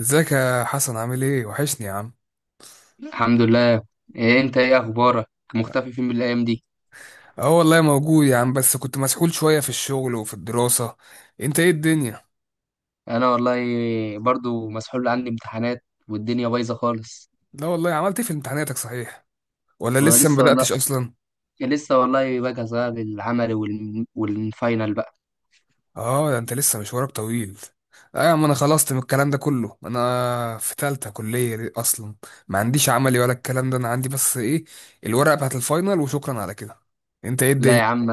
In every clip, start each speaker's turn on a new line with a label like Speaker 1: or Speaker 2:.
Speaker 1: ازيك يا حسن؟ عامل ايه؟ وحشني يا عم.
Speaker 2: الحمد لله. انت ايه اخبارك؟ مختفي فين من الايام دي؟
Speaker 1: اه والله موجود يا عم، بس كنت مسحول شوية في الشغل وفي الدراسة. انت ايه الدنيا؟
Speaker 2: انا والله برضو مسحول، عندي امتحانات والدنيا بايظه خالص.
Speaker 1: لا والله، عملت ايه في امتحاناتك صحيح، ولا لسه ما
Speaker 2: ولسه والله
Speaker 1: بدأتش اصلا؟
Speaker 2: لسه والله بجهز بقى للعمل والفاينل بقى.
Speaker 1: اه ده انت لسه مشوارك طويل. اه يا عم، انا خلصت من الكلام ده كله، انا في تالتة كلية اصلا. ما عنديش عملي ولا الكلام ده، انا عندي بس ايه؟ الورقة بتاعت الفاينل وشكرا على كده. انت ايه
Speaker 2: لا
Speaker 1: الدنيا؟
Speaker 2: يا عم،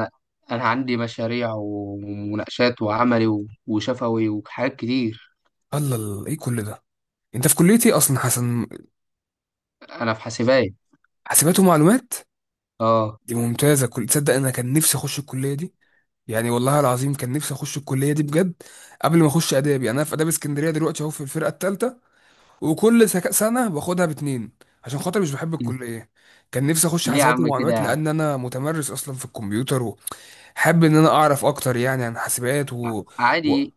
Speaker 2: انا عندي مشاريع ومناقشات وعملي وشفوي وحاجات كتير.
Speaker 1: الله الله، ايه كل ده؟ انت في كلية ايه اصلا حسن؟
Speaker 2: انا في حاسبات.
Speaker 1: حاسبات ومعلومات؟
Speaker 2: اه.
Speaker 1: دي ممتازة. كل تصدق انا كان نفسي اخش الكلية دي. يعني والله العظيم كان نفسي اخش الكلية دي بجد. قبل ما اخش ادابي، انا في اداب اسكندرية دلوقتي اهو في الفرقة التالتة. وكل سنة باخدها باتنين، عشان خاطر مش بحب الكلية. كان نفسي اخش
Speaker 2: ليه يا
Speaker 1: حاسبات
Speaker 2: عم كده يا
Speaker 1: ومعلومات،
Speaker 2: عم؟
Speaker 1: لان انا متمرس اصلا في الكمبيوتر، وحابب ان انا اعرف اكتر يعني عن حاسبات و...
Speaker 2: عادي،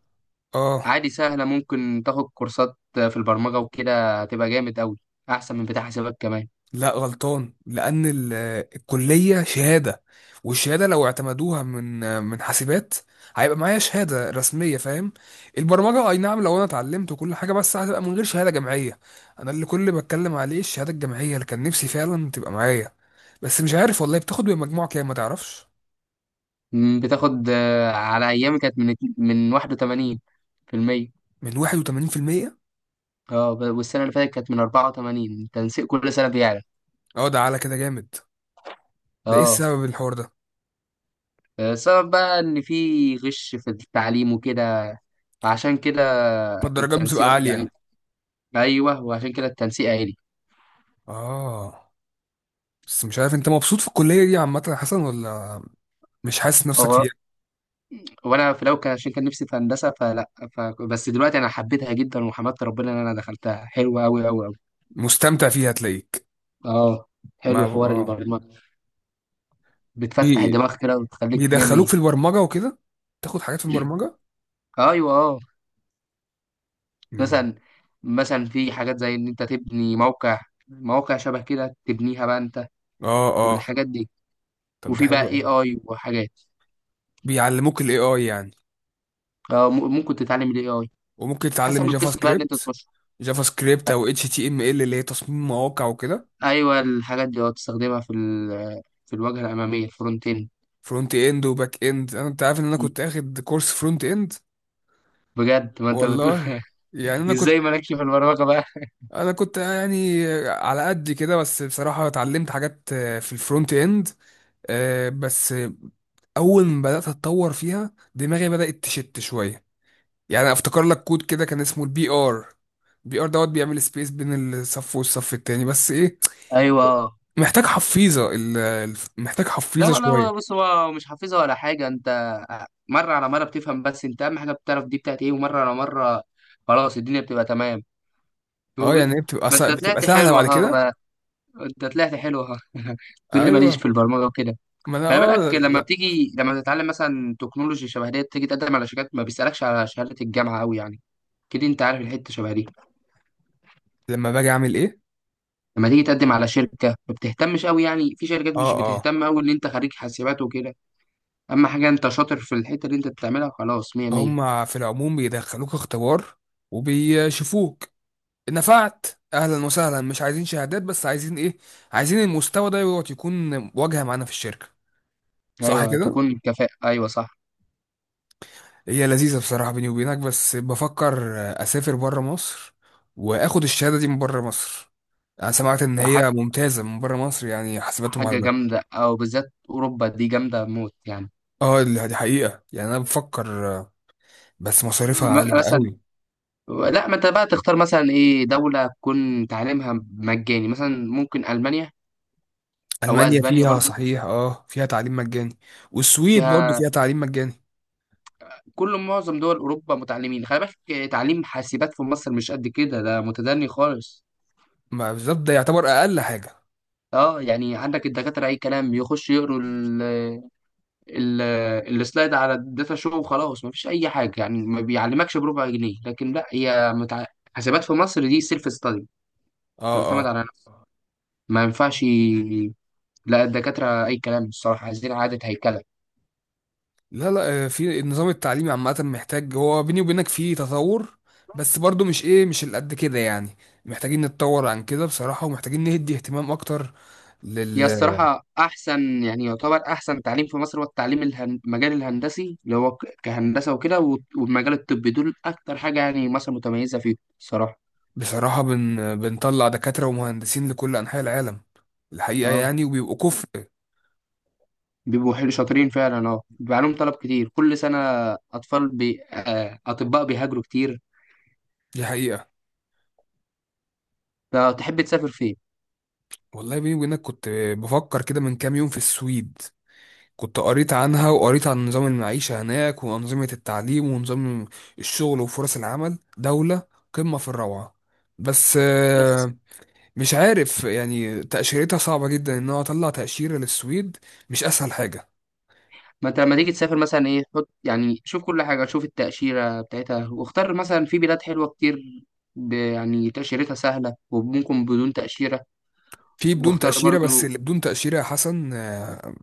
Speaker 1: اه.
Speaker 2: عادي سهله، ممكن تاخد كورسات في البرمجه وكده هتبقى جامد قوي، احسن من بتاع حسابات كمان.
Speaker 1: لا غلطان، لان الكليه شهاده، والشهاده لو اعتمدوها من حاسبات، هيبقى معايا شهاده رسميه، فاهم؟ البرمجه اي نعم، لو انا اتعلمت وكل حاجه، بس هتبقى من غير شهاده جامعيه. انا اللي كل اللي بتكلم عليه الشهاده الجامعيه اللي كان نفسي فعلا تبقى معايا. بس مش عارف والله بتاخد بمجموع كام، ما تعرفش؟
Speaker 2: بتاخد، على ايامي كانت من من 81%.
Speaker 1: من 81%.
Speaker 2: اه، والسنه اللي فاتت كانت من 84، تنسيق كل سنه بيعلى.
Speaker 1: اه ده على كده جامد. ده ايه
Speaker 2: اه،
Speaker 1: السبب الحوار ده؟
Speaker 2: السبب بقى ان في غش في التعليم وكده، عشان كده
Speaker 1: ما الدرجات بتبقى
Speaker 2: التنسيق يعني.
Speaker 1: عاليه.
Speaker 2: ايوه، وعشان كده التنسيق عالي.
Speaker 1: اه. بس مش عارف انت مبسوط في الكليه دي عامه يا حسن ولا مش حاسس نفسك
Speaker 2: هو-
Speaker 1: فيها؟
Speaker 2: وانا في الاول كان عشان كان نفسي في هندسه بس دلوقتي انا حبيتها جدا وحمدت ربنا ان انا دخلتها، حلوه قوي قوي قوي.
Speaker 1: مستمتع فيها هتلاقيك.
Speaker 2: اه،
Speaker 1: ما
Speaker 2: حلو حوار
Speaker 1: اه.
Speaker 2: البرمجه، بتفتح
Speaker 1: بي...
Speaker 2: الدماغ كده وتخليك 100
Speaker 1: بيدخلوك
Speaker 2: 100.
Speaker 1: في البرمجة وكده، تاخد حاجات في البرمجة.
Speaker 2: ايوه اه.
Speaker 1: مم.
Speaker 2: مثلا، في حاجات زي ان انت تبني موقع، مواقع شبه كده تبنيها بقى انت،
Speaker 1: اه اه.
Speaker 2: والحاجات دي.
Speaker 1: طب ده
Speaker 2: وفي
Speaker 1: حلو
Speaker 2: بقى اي
Speaker 1: قوي.
Speaker 2: اي وحاجات.
Speaker 1: بيعلموك الاي اي يعني؟
Speaker 2: ممكن تتعلم الاي اي
Speaker 1: وممكن
Speaker 2: حسب
Speaker 1: تتعلم جافا
Speaker 2: القسم بقى اللي انت
Speaker 1: سكريبت؟
Speaker 2: تخشه.
Speaker 1: جافا سكريبت او اتش تي ام ال اللي هي تصميم مواقع وكده؟
Speaker 2: ايوه الحاجات دي اه، تستخدمها في في الواجهه الاماميه الفرونت اند.
Speaker 1: فرونت اند وباك اند، انا انت عارف ان انا كنت اخد كورس فرونت اند.
Speaker 2: بجد ما انت بتقول.
Speaker 1: والله يعني، انا كنت
Speaker 2: ازاي مالكش في البرمجه بقى؟
Speaker 1: انا كنت يعني على قد كده، بس بصراحة اتعلمت حاجات في الفرونت اند بس اول ما بدات اتطور فيها، دماغي بدات تشت شويه. يعني أنا افتكر لك كود كده كان اسمه البي ار. البي ار دوت بيعمل سبيس بين الصف والصف التاني، بس ايه؟
Speaker 2: ايوه اه.
Speaker 1: محتاج حفيظه محتاج
Speaker 2: لا
Speaker 1: حفيظه شويه.
Speaker 2: لا، بص هو مش حافظها ولا حاجه انت، مره على مره بتفهم، بس انت اهم حاجه بتعرف دي بتاعت ايه، ومره على مره خلاص الدنيا بتبقى تمام.
Speaker 1: اه. يعني
Speaker 2: وب-
Speaker 1: ايه،
Speaker 2: ما انت
Speaker 1: بتبقى
Speaker 2: طلعت
Speaker 1: سهله
Speaker 2: حلو
Speaker 1: بعد
Speaker 2: اهو
Speaker 1: كده؟
Speaker 2: بقى، انت طلعت حلو اهو، تقول لي ماليش في
Speaker 1: ايوه.
Speaker 2: البرمجه وكده.
Speaker 1: ما انا
Speaker 2: خلي
Speaker 1: اه،
Speaker 2: بالك لما
Speaker 1: لا.
Speaker 2: بتيجي لما تتعلم مثلا تكنولوجي شبه ديت، تيجي تقدم على شركات ما بيسالكش على شهاده الجامعه قوي يعني، كده انت عارف الحته شبه دي.
Speaker 1: لما باجي اعمل ايه؟
Speaker 2: لما تيجي تقدم على شركه ما بتهتمش قوي يعني، في شركات
Speaker 1: اه
Speaker 2: مش
Speaker 1: اه.
Speaker 2: بتهتم قوي ان انت خريج حاسبات وكده، اما حاجه انت شاطر في الحته اللي انت بتعملها خلاص 100 100.
Speaker 1: هم في العموم بيدخلوك اختبار وبيشوفوك. نفعت؟ اهلا وسهلا. مش عايزين شهادات، بس عايزين ايه؟ عايزين المستوى ده يقعد يكون واجهه معانا في الشركه. صح
Speaker 2: ايوه
Speaker 1: كده؟
Speaker 2: تكون كفاءه، ايوه صح.
Speaker 1: هي لذيذة بصراحة بيني وبينك، بس بفكر أسافر بره مصر وآخد الشهادة دي من بره مصر. أنا سمعت إن
Speaker 2: ح-
Speaker 1: هي ممتازة من بره مصر، يعني حاسبات
Speaker 2: حاجه
Speaker 1: ومعلومات.
Speaker 2: جامده، او بالذات اوروبا دي جامده موت يعني.
Speaker 1: اه دي دي حقيقة، يعني أنا بفكر. بس مصاريفها عالية
Speaker 2: مثلا،
Speaker 1: قوي.
Speaker 2: لا ما انت بقى تختار مثلا ايه، دولة تكون تعليمها مجاني، مثلا ممكن ألمانيا او
Speaker 1: ألمانيا
Speaker 2: اسبانيا
Speaker 1: فيها
Speaker 2: برضو
Speaker 1: صحيح، اه فيها تعليم مجاني. والسويد برضو
Speaker 2: فيها،
Speaker 1: فيها تعليم مجاني.
Speaker 2: كل معظم دول اوروبا متعلمين. خلي بالك تعليم حاسبات في مصر مش قد كده، ده متدني خالص.
Speaker 1: ما بالظبط، ده يعتبر أقل حاجة.
Speaker 2: اه يعني عندك الدكاترة اي كلام، يخش يقروا ال السلايد على الداتا شو وخلاص، مفيش اي حاجة يعني، ما بيعلمكش بربع جنيه. لكن لا، حاسبات في مصر دي سيلف ستادي،
Speaker 1: اه.
Speaker 2: تعتمد
Speaker 1: آه.
Speaker 2: على نفسها. ما ينفعش، لا الدكاترة اي كلام الصراحة، عايزين عادة هيكلة.
Speaker 1: لا لا، في النظام التعليمي عامة محتاج، هو بيني وبينك فيه تطور، بس برضو مش ايه، مش اللي قد كده يعني. محتاجين نتطور عن كده بصراحة، ومحتاجين نهدي اهتمام اكتر
Speaker 2: هي
Speaker 1: لل.
Speaker 2: الصراحة أحسن، يعني يعتبر أحسن تعليم في مصر هو التعليم المجال الهندسي، اللي هو كهندسة وكده، والمجال الطبي، دول أكتر حاجة يعني مصر متميزة فيه الصراحة.
Speaker 1: بصراحة بنطلع دكاترة ومهندسين لكل انحاء العالم، الحقيقة
Speaker 2: أه،
Speaker 1: يعني، وبيبقوا كفء.
Speaker 2: بيبقوا حلو شاطرين فعلا، أه بيبقى عليهم طلب كتير كل سنة. أطفال بي... آه، أطباء بيهاجروا كتير.
Speaker 1: دي حقيقة.
Speaker 2: فتحب تسافر فين؟
Speaker 1: والله بيني وبينك كنت بفكر كده من كام يوم في السويد. كنت قريت عنها وقريت عن نظام المعيشة هناك وأنظمة التعليم ونظام الشغل وفرص العمل. دولة قمة في الروعة. بس
Speaker 2: بس
Speaker 1: مش عارف يعني، تأشيرتها صعبة جدا، إن أنا أطلع تأشيرة للسويد مش أسهل حاجة.
Speaker 2: ما أنت لما تيجي تسافر مثلا إيه، حط يعني شوف كل حاجة، شوف التأشيرة بتاعتها واختار، مثلا في بلاد حلوة كتير، يعني تأشيرتها سهلة وممكن بدون تأشيرة.
Speaker 1: في بدون
Speaker 2: واختار
Speaker 1: تأشيرة،
Speaker 2: برضو.
Speaker 1: بس اللي بدون تأشيرة يا حسن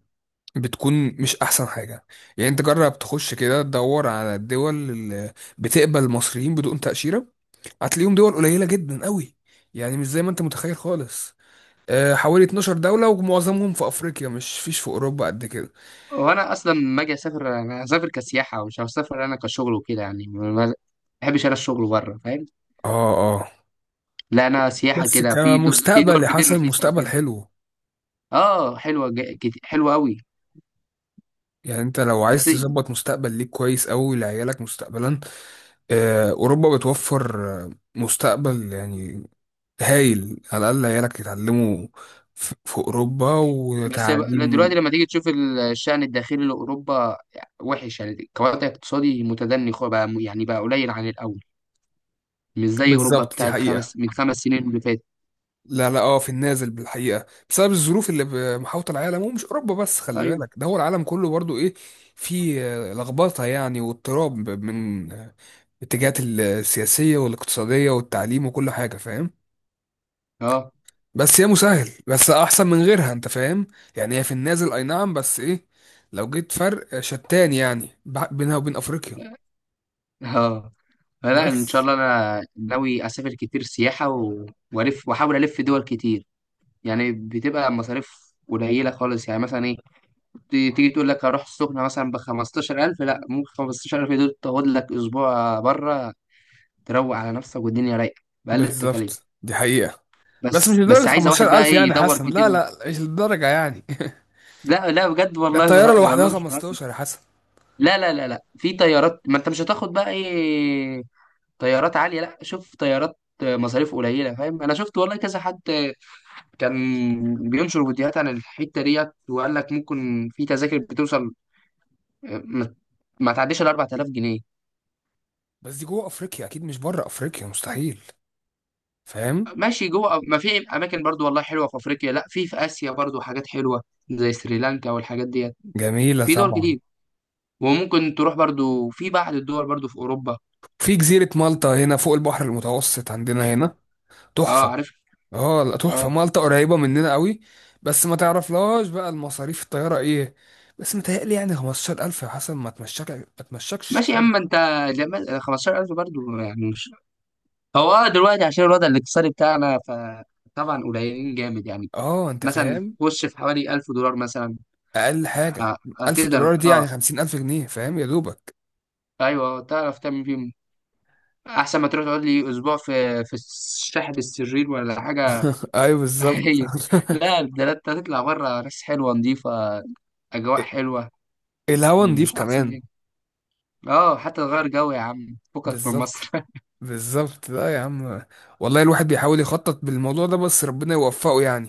Speaker 1: بتكون مش أحسن حاجة. يعني أنت جرب تخش كده تدور على الدول اللي بتقبل المصريين بدون تأشيرة، هتلاقيهم دول قليلة جدا قوي. يعني مش زي ما أنت متخيل خالص. حوالي 12 دولة، ومعظمهم في أفريقيا، مش فيش في أوروبا قد كده.
Speaker 2: وانا اصلا لما اجي اسافر انا هسافر كسياحه، مش هسافر انا كشغل وكده يعني، ما بحبش انا الشغل بره فاهم.
Speaker 1: اه اه.
Speaker 2: لا انا سياحه
Speaker 1: بس
Speaker 2: كده، في
Speaker 1: كمستقبل
Speaker 2: دول
Speaker 1: يا
Speaker 2: كتير
Speaker 1: حسن،
Speaker 2: رخيصه
Speaker 1: مستقبل
Speaker 2: وكده.
Speaker 1: حلو.
Speaker 2: اه حلوه قوي.
Speaker 1: يعني انت لو
Speaker 2: بس
Speaker 1: عايز تظبط مستقبل ليك كويس أوي لعيالك مستقبلا، أوروبا بتوفر آه، مستقبل يعني هايل. على الأقل عيالك يتعلموا في في أوروبا
Speaker 2: بس دلوقتي
Speaker 1: وتعليم.
Speaker 2: لما تيجي تشوف الشأن الداخلي لأوروبا وحش يعني، كوضع اقتصادي متدني، بقى يعني بقى قليل عن الأول، مش زي أوروبا
Speaker 1: بالظبط، دي
Speaker 2: بتاعت
Speaker 1: حقيقة.
Speaker 2: خمس، من خمس سنين اللي فاتت.
Speaker 1: لا لا اه، في النازل بالحقيقه بسبب الظروف اللي محاوطه العالم، ومش اوروبا بس، خلي
Speaker 2: أيوه.
Speaker 1: بالك، ده هو العالم كله برضو ايه. في لخبطه يعني واضطراب من الاتجاهات السياسيه والاقتصاديه والتعليم وكل حاجه، فاهم؟
Speaker 2: اه
Speaker 1: بس هي مسهل، بس احسن من غيرها، انت فاهم؟ يعني هي في النازل اي نعم، بس ايه؟ لو جيت فرق شتان يعني بينها وبين افريقيا.
Speaker 2: اه. لا ان شاء
Speaker 1: بس
Speaker 2: الله انا ناوي اسافر كتير سياحه، والف واحاول الف دول كتير، يعني بتبقى مصاريف قليله خالص. يعني مثلا ايه، تيجي تقول لك هروح السخنه مثلا ب 15000، لا ممكن 15000 دول تاخد لك اسبوع بره، تروق على نفسك والدنيا رايقه باقل التكاليف.
Speaker 1: بالظبط، دي حقيقه. بس مش
Speaker 2: بس
Speaker 1: لدرجه
Speaker 2: بس عايزه واحد بقى
Speaker 1: 15000
Speaker 2: ايه،
Speaker 1: يعني
Speaker 2: يدور
Speaker 1: حسن،
Speaker 2: كتير.
Speaker 1: لا لا مش للدرجه يعني.
Speaker 2: لا لا بجد
Speaker 1: ده
Speaker 2: والله
Speaker 1: الطياره لوحدها
Speaker 2: والله مش بهزر.
Speaker 1: 15 يا حسن.
Speaker 2: لا لا لا لا، في طيارات ما انت مش هتاخد بقى ايه، طيارات عاليه، لا شوف طيارات مصاريف قليله فاهم. انا شفت والله كذا حد كان بينشر فيديوهات عن الحته ديت وقال لك ممكن في تذاكر بتوصل، آه، ما ما تعديش ال 4000 جنيه.
Speaker 1: بس دي جوه افريقيا اكيد، مش بره افريقيا مستحيل. فاهم؟
Speaker 2: ماشي، جوه ما في اماكن برضو والله حلوه في افريقيا، لا في اسيا برضو حاجات حلوه زي سريلانكا والحاجات ديت،
Speaker 1: جميله
Speaker 2: في دول
Speaker 1: طبعا.
Speaker 2: كتير. وممكن تروح برضو في بعض الدول برضو في اوروبا.
Speaker 1: في جزيره مالطا هنا فوق البحر المتوسط عندنا هنا،
Speaker 2: اه
Speaker 1: تحفه.
Speaker 2: عارف.
Speaker 1: اه لا
Speaker 2: اه.
Speaker 1: تحفه، مالطا قريبه مننا قوي. بس ما تعرفلهاش بقى المصاريف الطياره ايه. بس متهيألي يعني 15000 يا حسن ما تمشكش
Speaker 2: ماشي،
Speaker 1: خالص.
Speaker 2: اما انت لما 15000 برضو يعني مش. هو آه، دلوقتي عشان الوضع الاقتصادي بتاعنا، فطبعا قليلين جامد يعني.
Speaker 1: اه انت
Speaker 2: مثلا
Speaker 1: فاهم.
Speaker 2: خش في حوالي 1000 دولار مثلا،
Speaker 1: اقل حاجه 1000
Speaker 2: هتقدر.
Speaker 1: دولار دي يعني
Speaker 2: اه
Speaker 1: 50000 جنيه، فاهم يا دوبك؟
Speaker 2: ايوه، تعرف تعمل فيهم احسن ما تروح تقعد لي اسبوع في، في شاحة السرير ولا حاجه.
Speaker 1: ايوه بالظبط.
Speaker 2: هي، لا ده انت هتطلع بره ناس حلوه نظيفه، اجواء حلوه.
Speaker 1: الهوا نضيف
Speaker 2: مش احسن
Speaker 1: كمان.
Speaker 2: من كده؟ اه حتى تغير جو يا عم فكك من
Speaker 1: بالظبط
Speaker 2: مصر.
Speaker 1: بالظبط. لا يا عم، والله الواحد بيحاول يخطط بالموضوع ده، بس ربنا يوفقه يعني.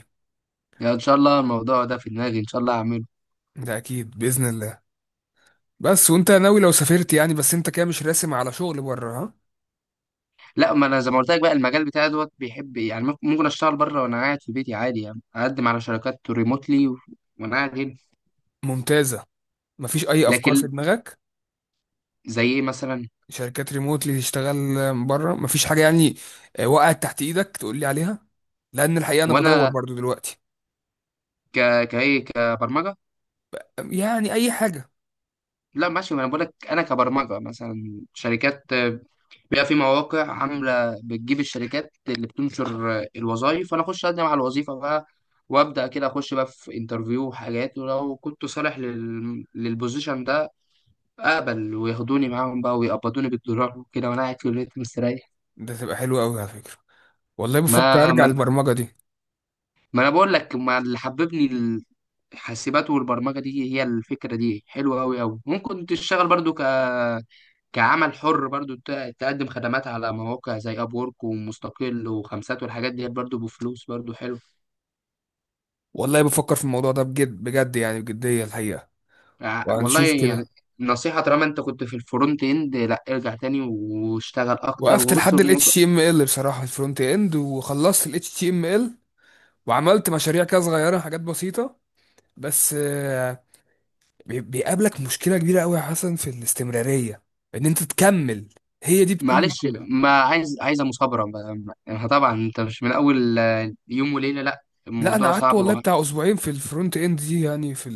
Speaker 2: يعني ان شاء الله الموضوع ده في دماغي، ان شاء الله هعمله.
Speaker 1: ده اكيد باذن الله. بس وانت ناوي لو سافرت يعني، بس انت كده مش راسم على شغل بره، ها؟
Speaker 2: لا ما انا زي ما قلت لك بقى المجال بتاعي دوت بيحب يعني، ممكن اشتغل بره وانا قاعد في بيتي عادي يعني، اقدم على شركات ريموتلي وانا قاعد هنا.
Speaker 1: ممتازه. مفيش اي افكار
Speaker 2: لكن،
Speaker 1: في دماغك؟
Speaker 2: زي ايه مثلا؟
Speaker 1: شركات ريموت اللي تشتغل بره؟ مفيش حاجه يعني وقعت تحت ايدك تقول لي عليها؟ لان الحقيقه انا بدور
Speaker 2: وانا
Speaker 1: برضو دلوقتي.
Speaker 2: ك كايه كبرمجه.
Speaker 1: يعني اي حاجه.
Speaker 2: لا ماشي ما انا بقول لك انا كبرمجه، مثلا شركات، بيبقى في مواقع عامله بتجيب الشركات اللي بتنشر الوظائف، فانا اخش اقدم على الوظيفه بقى، وابدا كده اخش بقى في انترفيو وحاجات، ولو كنت صالح للبوزيشن ده، اقبل وياخدوني معاهم بقى، ويقبضوني بالدولار وكده وانا قاعد في البيت مستريح.
Speaker 1: ده تبقى حلوه قوي على فكره. والله بفكر
Speaker 2: ما
Speaker 1: ارجع
Speaker 2: ما انا
Speaker 1: للبرمجه دي.
Speaker 2: ما أنا بقول لك ما اللي حببني الحاسبات والبرمجه دي، هي الفكره دي حلوه قوي قوي، ممكن تشتغل برضو كعمل حر برضو، تقدم خدمات على مواقع زي اب وورك ومستقل وخمسات والحاجات دي برضو، بفلوس برضو حلو.
Speaker 1: والله بفكر في الموضوع ده بجد بجد، يعني بجديه الحقيقه.
Speaker 2: والله
Speaker 1: وهنشوف
Speaker 2: يعني
Speaker 1: كده.
Speaker 2: نصيحة طالما انت كنت في الفرونت اند، لا ارجع تاني واشتغل اكتر
Speaker 1: وقفت
Speaker 2: وبص
Speaker 1: لحد ال
Speaker 2: الموضوع.
Speaker 1: HTML بصراحة في الفرونت اند، وخلصت ال HTML وعملت مشاريع كده صغيرة، حاجات بسيطة. بس بيقابلك مشكلة كبيرة قوي يا حسن في الاستمرارية، ان انت تكمل. هي دي بتكون
Speaker 2: معلش
Speaker 1: مشكلة.
Speaker 2: ما عايز، عايزة مثابرة، طبعا انت مش من اول يوم وليلة، لا
Speaker 1: لا انا
Speaker 2: الموضوع
Speaker 1: قعدت
Speaker 2: صعب
Speaker 1: والله بتاع اسبوعين في الفرونت اند دي، يعني في،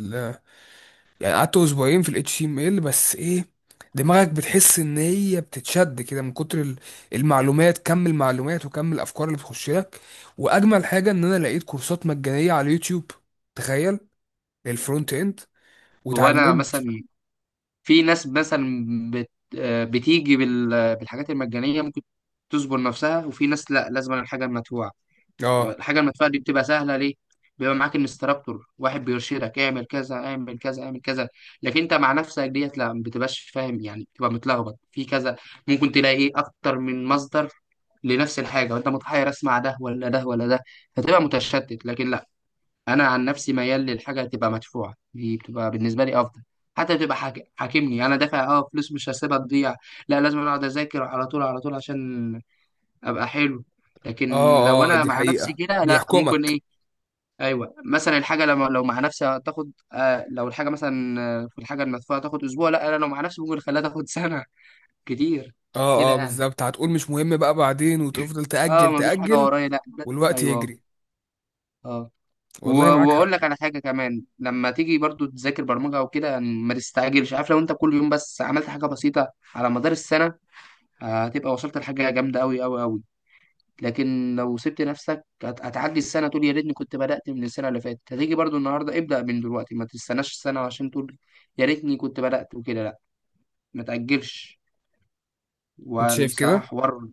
Speaker 1: يعني قعدت اسبوعين في الاتش تي ام ال، بس ايه؟ دماغك بتحس ان هي بتتشد كده من كتر المعلومات، كم المعلومات وكم الافكار اللي بتخش لك. واجمل حاجه ان انا لقيت كورسات مجانيه على اليوتيوب، تخيل، للفرونت اند،
Speaker 2: وانا
Speaker 1: واتعلمت.
Speaker 2: مثلا، في ناس مثلا بت آه، بتيجي بالحاجات المجانية ممكن تصبر نفسها، وفي ناس لا لازم الحاجة المدفوعة.
Speaker 1: اه
Speaker 2: الحاجة المدفوعة دي بتبقى سهلة ليه؟ بيبقى معاك انستراكتور واحد بيرشدك اعمل كذا اعمل كذا اعمل كذا، لكن انت مع نفسك ديت لا ما بتبقاش فاهم يعني، بتبقى متلخبط في كذا، ممكن تلاقي ايه اكتر من مصدر لنفس الحاجة، وانت متحير اسمع ده ولا ده ولا ده، فتبقى متشتت. لكن لا، انا عن نفسي ميال للحاجة تبقى مدفوعة، دي بتبقى بالنسبة لي افضل، حتى بتبقى حاكمني، يعني انا دافع فلوس مش هسيبها تضيع، لا لازم اقعد اذاكر على طول على طول عشان ابقى حلو.
Speaker 1: اه.
Speaker 2: لكن لو
Speaker 1: اه
Speaker 2: انا
Speaker 1: دي
Speaker 2: مع نفسي
Speaker 1: حقيقه،
Speaker 2: كده، لا ممكن
Speaker 1: بيحكمك.
Speaker 2: ايه. ايوه مثلا الحاجه لما لو مع نفسي هتاخد لو الحاجه مثلا، في الحاجه المدفوعه تاخد اسبوع، لا انا لو مع نفسي ممكن اخليها تاخد سنه كتير كده
Speaker 1: اه اه
Speaker 2: يعني.
Speaker 1: بالظبط، هتقول مش مهم بقى بعدين، وتفضل
Speaker 2: اه
Speaker 1: تاجل
Speaker 2: مفيش حاجه
Speaker 1: تاجل.
Speaker 2: ورايا. لا, لا.
Speaker 1: والوقت
Speaker 2: ايوه.
Speaker 1: يجري.
Speaker 2: اه.
Speaker 1: والله معاك
Speaker 2: واقول
Speaker 1: حق.
Speaker 2: لك على حاجه كمان، لما تيجي برضو تذاكر برمجه او كده يعني ما تستعجلش، عارف لو انت كل يوم بس عملت حاجه بسيطه على مدار السنه، هتبقى وصلت لحاجه جامده قوي قوي قوي. لكن لو سبت نفسك هتعدي السنة تقول يا ريتني كنت بدأت من السنة اللي فاتت، هتيجي برضو النهاردة ابدأ من دلوقتي، ما تستناش السنة عشان تقول يا ريتني كنت بدأت وكده، لا ما تأجلش.
Speaker 1: انت شايف
Speaker 2: والصراحة
Speaker 1: كده.
Speaker 2: حوار.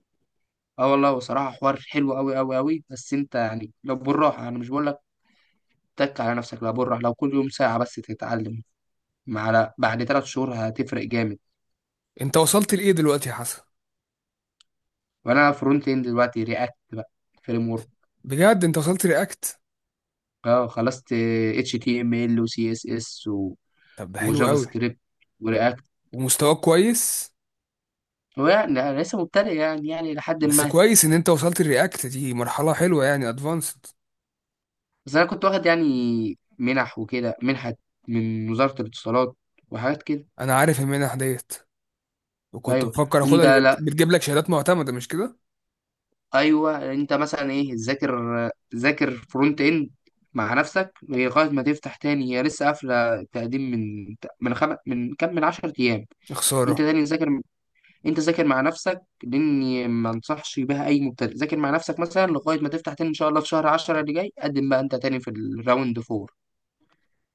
Speaker 2: اه والله، وصراحة حوار حلو أوي أوي أوي، بس أنت يعني لو بالراحة، أنا مش بقول لك تك على نفسك، لا بالراحة، لو كل يوم ساعة بس تتعلم، مع، لا بعد ثلاث شهور هتفرق جامد.
Speaker 1: انت وصلت لايه دلوقتي يا حسن؟
Speaker 2: وأنا فرونت إند دلوقتي رياكت بقى فريم ورك.
Speaker 1: بجد انت وصلت رياكت؟
Speaker 2: اه خلصت اتش تي ام ال وسي اس اس
Speaker 1: طب ده حلو
Speaker 2: وجافا
Speaker 1: قوي.
Speaker 2: سكريبت.
Speaker 1: ومستواك كويس.
Speaker 2: هو يعني أنا لسه مبتدئ يعني يعني لحد
Speaker 1: بس
Speaker 2: ما.
Speaker 1: كويس ان انت وصلت الرياكت دي، مرحلة حلوة يعني ادفانسد.
Speaker 2: بس أنا كنت واخد يعني منح وكده، منحة من وزارة الاتصالات وحاجات كده.
Speaker 1: انا عارف المنح ديت، وكنت
Speaker 2: أيوه،
Speaker 1: بفكر اخدها،
Speaker 2: أنت
Speaker 1: دي
Speaker 2: لا،
Speaker 1: بتجيب لك شهادات معتمدة، مش كده؟
Speaker 2: أيوه أنت مثلا إيه، ذاكر، ذاكر فرونت إند مع نفسك لغاية ما تفتح تاني، هي لسه قافلة تقديم من من كام، من 10 أيام.
Speaker 1: يا
Speaker 2: أنت
Speaker 1: خسارة.
Speaker 2: تاني ذاكر، أنت ذاكر مع نفسك، لأني ما أنصحش بها أي مبتدئ. ذاكر مع نفسك مثلا لغاية ما تفتح تاني إن شاء الله في شهر 10 اللي جاي، قدم بقى أنت تاني في الراوند 4.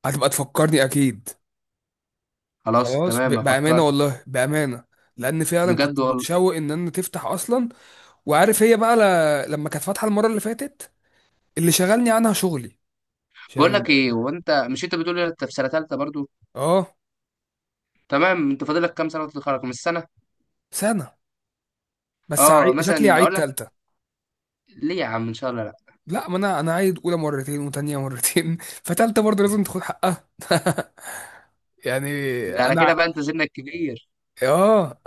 Speaker 1: هتبقى تفكرني اكيد.
Speaker 2: خلاص
Speaker 1: خلاص.
Speaker 2: تمام
Speaker 1: بأمانة
Speaker 2: افكر.
Speaker 1: والله بأمانة، لان فعلا
Speaker 2: بجد
Speaker 1: كنت
Speaker 2: والله.
Speaker 1: متشوق ان انا تفتح اصلا. وعارف هي بقى لما كانت فاتحة المرة اللي فاتت، اللي شغلني عنها شغلي،
Speaker 2: بقول
Speaker 1: عشان
Speaker 2: لك ايه، وانت مش، انت بتقول انت في سنه ثالثه برضو؟
Speaker 1: اه.
Speaker 2: تمام، انت فاضل لك كام سنه وتتخرج من السنه؟
Speaker 1: سنة. بس
Speaker 2: اه
Speaker 1: شكلي
Speaker 2: مثلا
Speaker 1: عيد
Speaker 2: اقول لك،
Speaker 1: تالتة.
Speaker 2: ليه يا عم ان شاء الله لا،
Speaker 1: لا ما انا، انا عايد اولى مرتين وتانية مرتين فتالتة برضه لازم تاخد حقها يعني.
Speaker 2: ده على
Speaker 1: انا
Speaker 2: كده
Speaker 1: ع-
Speaker 2: بقى انت سنك كبير.
Speaker 1: اه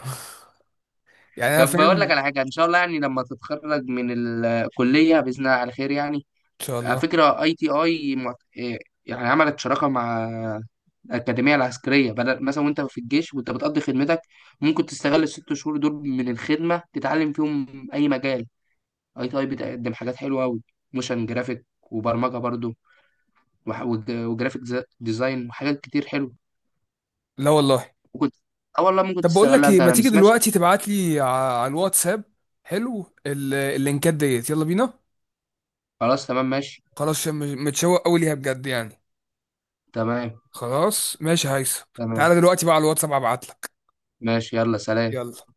Speaker 1: يعني انا
Speaker 2: طب
Speaker 1: فاهم.
Speaker 2: بقول لك
Speaker 1: ان
Speaker 2: على حاجه ان شاء الله، يعني لما تتخرج من الكليه باذن الله على خير يعني،
Speaker 1: شاء
Speaker 2: على
Speaker 1: الله.
Speaker 2: فكره اي تي اي، يعني عملت شراكه مع الأكاديمية العسكرية، بدل مثلا وأنت في الجيش وأنت بتقضي خدمتك ممكن تستغل الست شهور دول من الخدمة تتعلم فيهم أي مجال. اي تي اي بتقدم حاجات حلوه قوي، موشن جرافيك وبرمجه برضو، وجرافيك ديزاين وحاجات كتير حلوه.
Speaker 1: لا والله.
Speaker 2: ممكن، اه والله ممكن
Speaker 1: طب بقول لك
Speaker 2: تستغلها انت،
Speaker 1: ايه، ما
Speaker 2: انا ما
Speaker 1: تيجي
Speaker 2: سمعتش.
Speaker 1: دلوقتي تبعت لي على الواتساب حلو اللينكات ديت، يلا بينا.
Speaker 2: خلاص تمام ماشي.
Speaker 1: خلاص، عشان متشوق قوي ليها بجد يعني.
Speaker 2: تمام.
Speaker 1: خلاص ماشي هيثم.
Speaker 2: تمام
Speaker 1: تعالى دلوقتي بقى على الواتساب ابعت لك.
Speaker 2: ماشي، يلا سلام.
Speaker 1: يلا.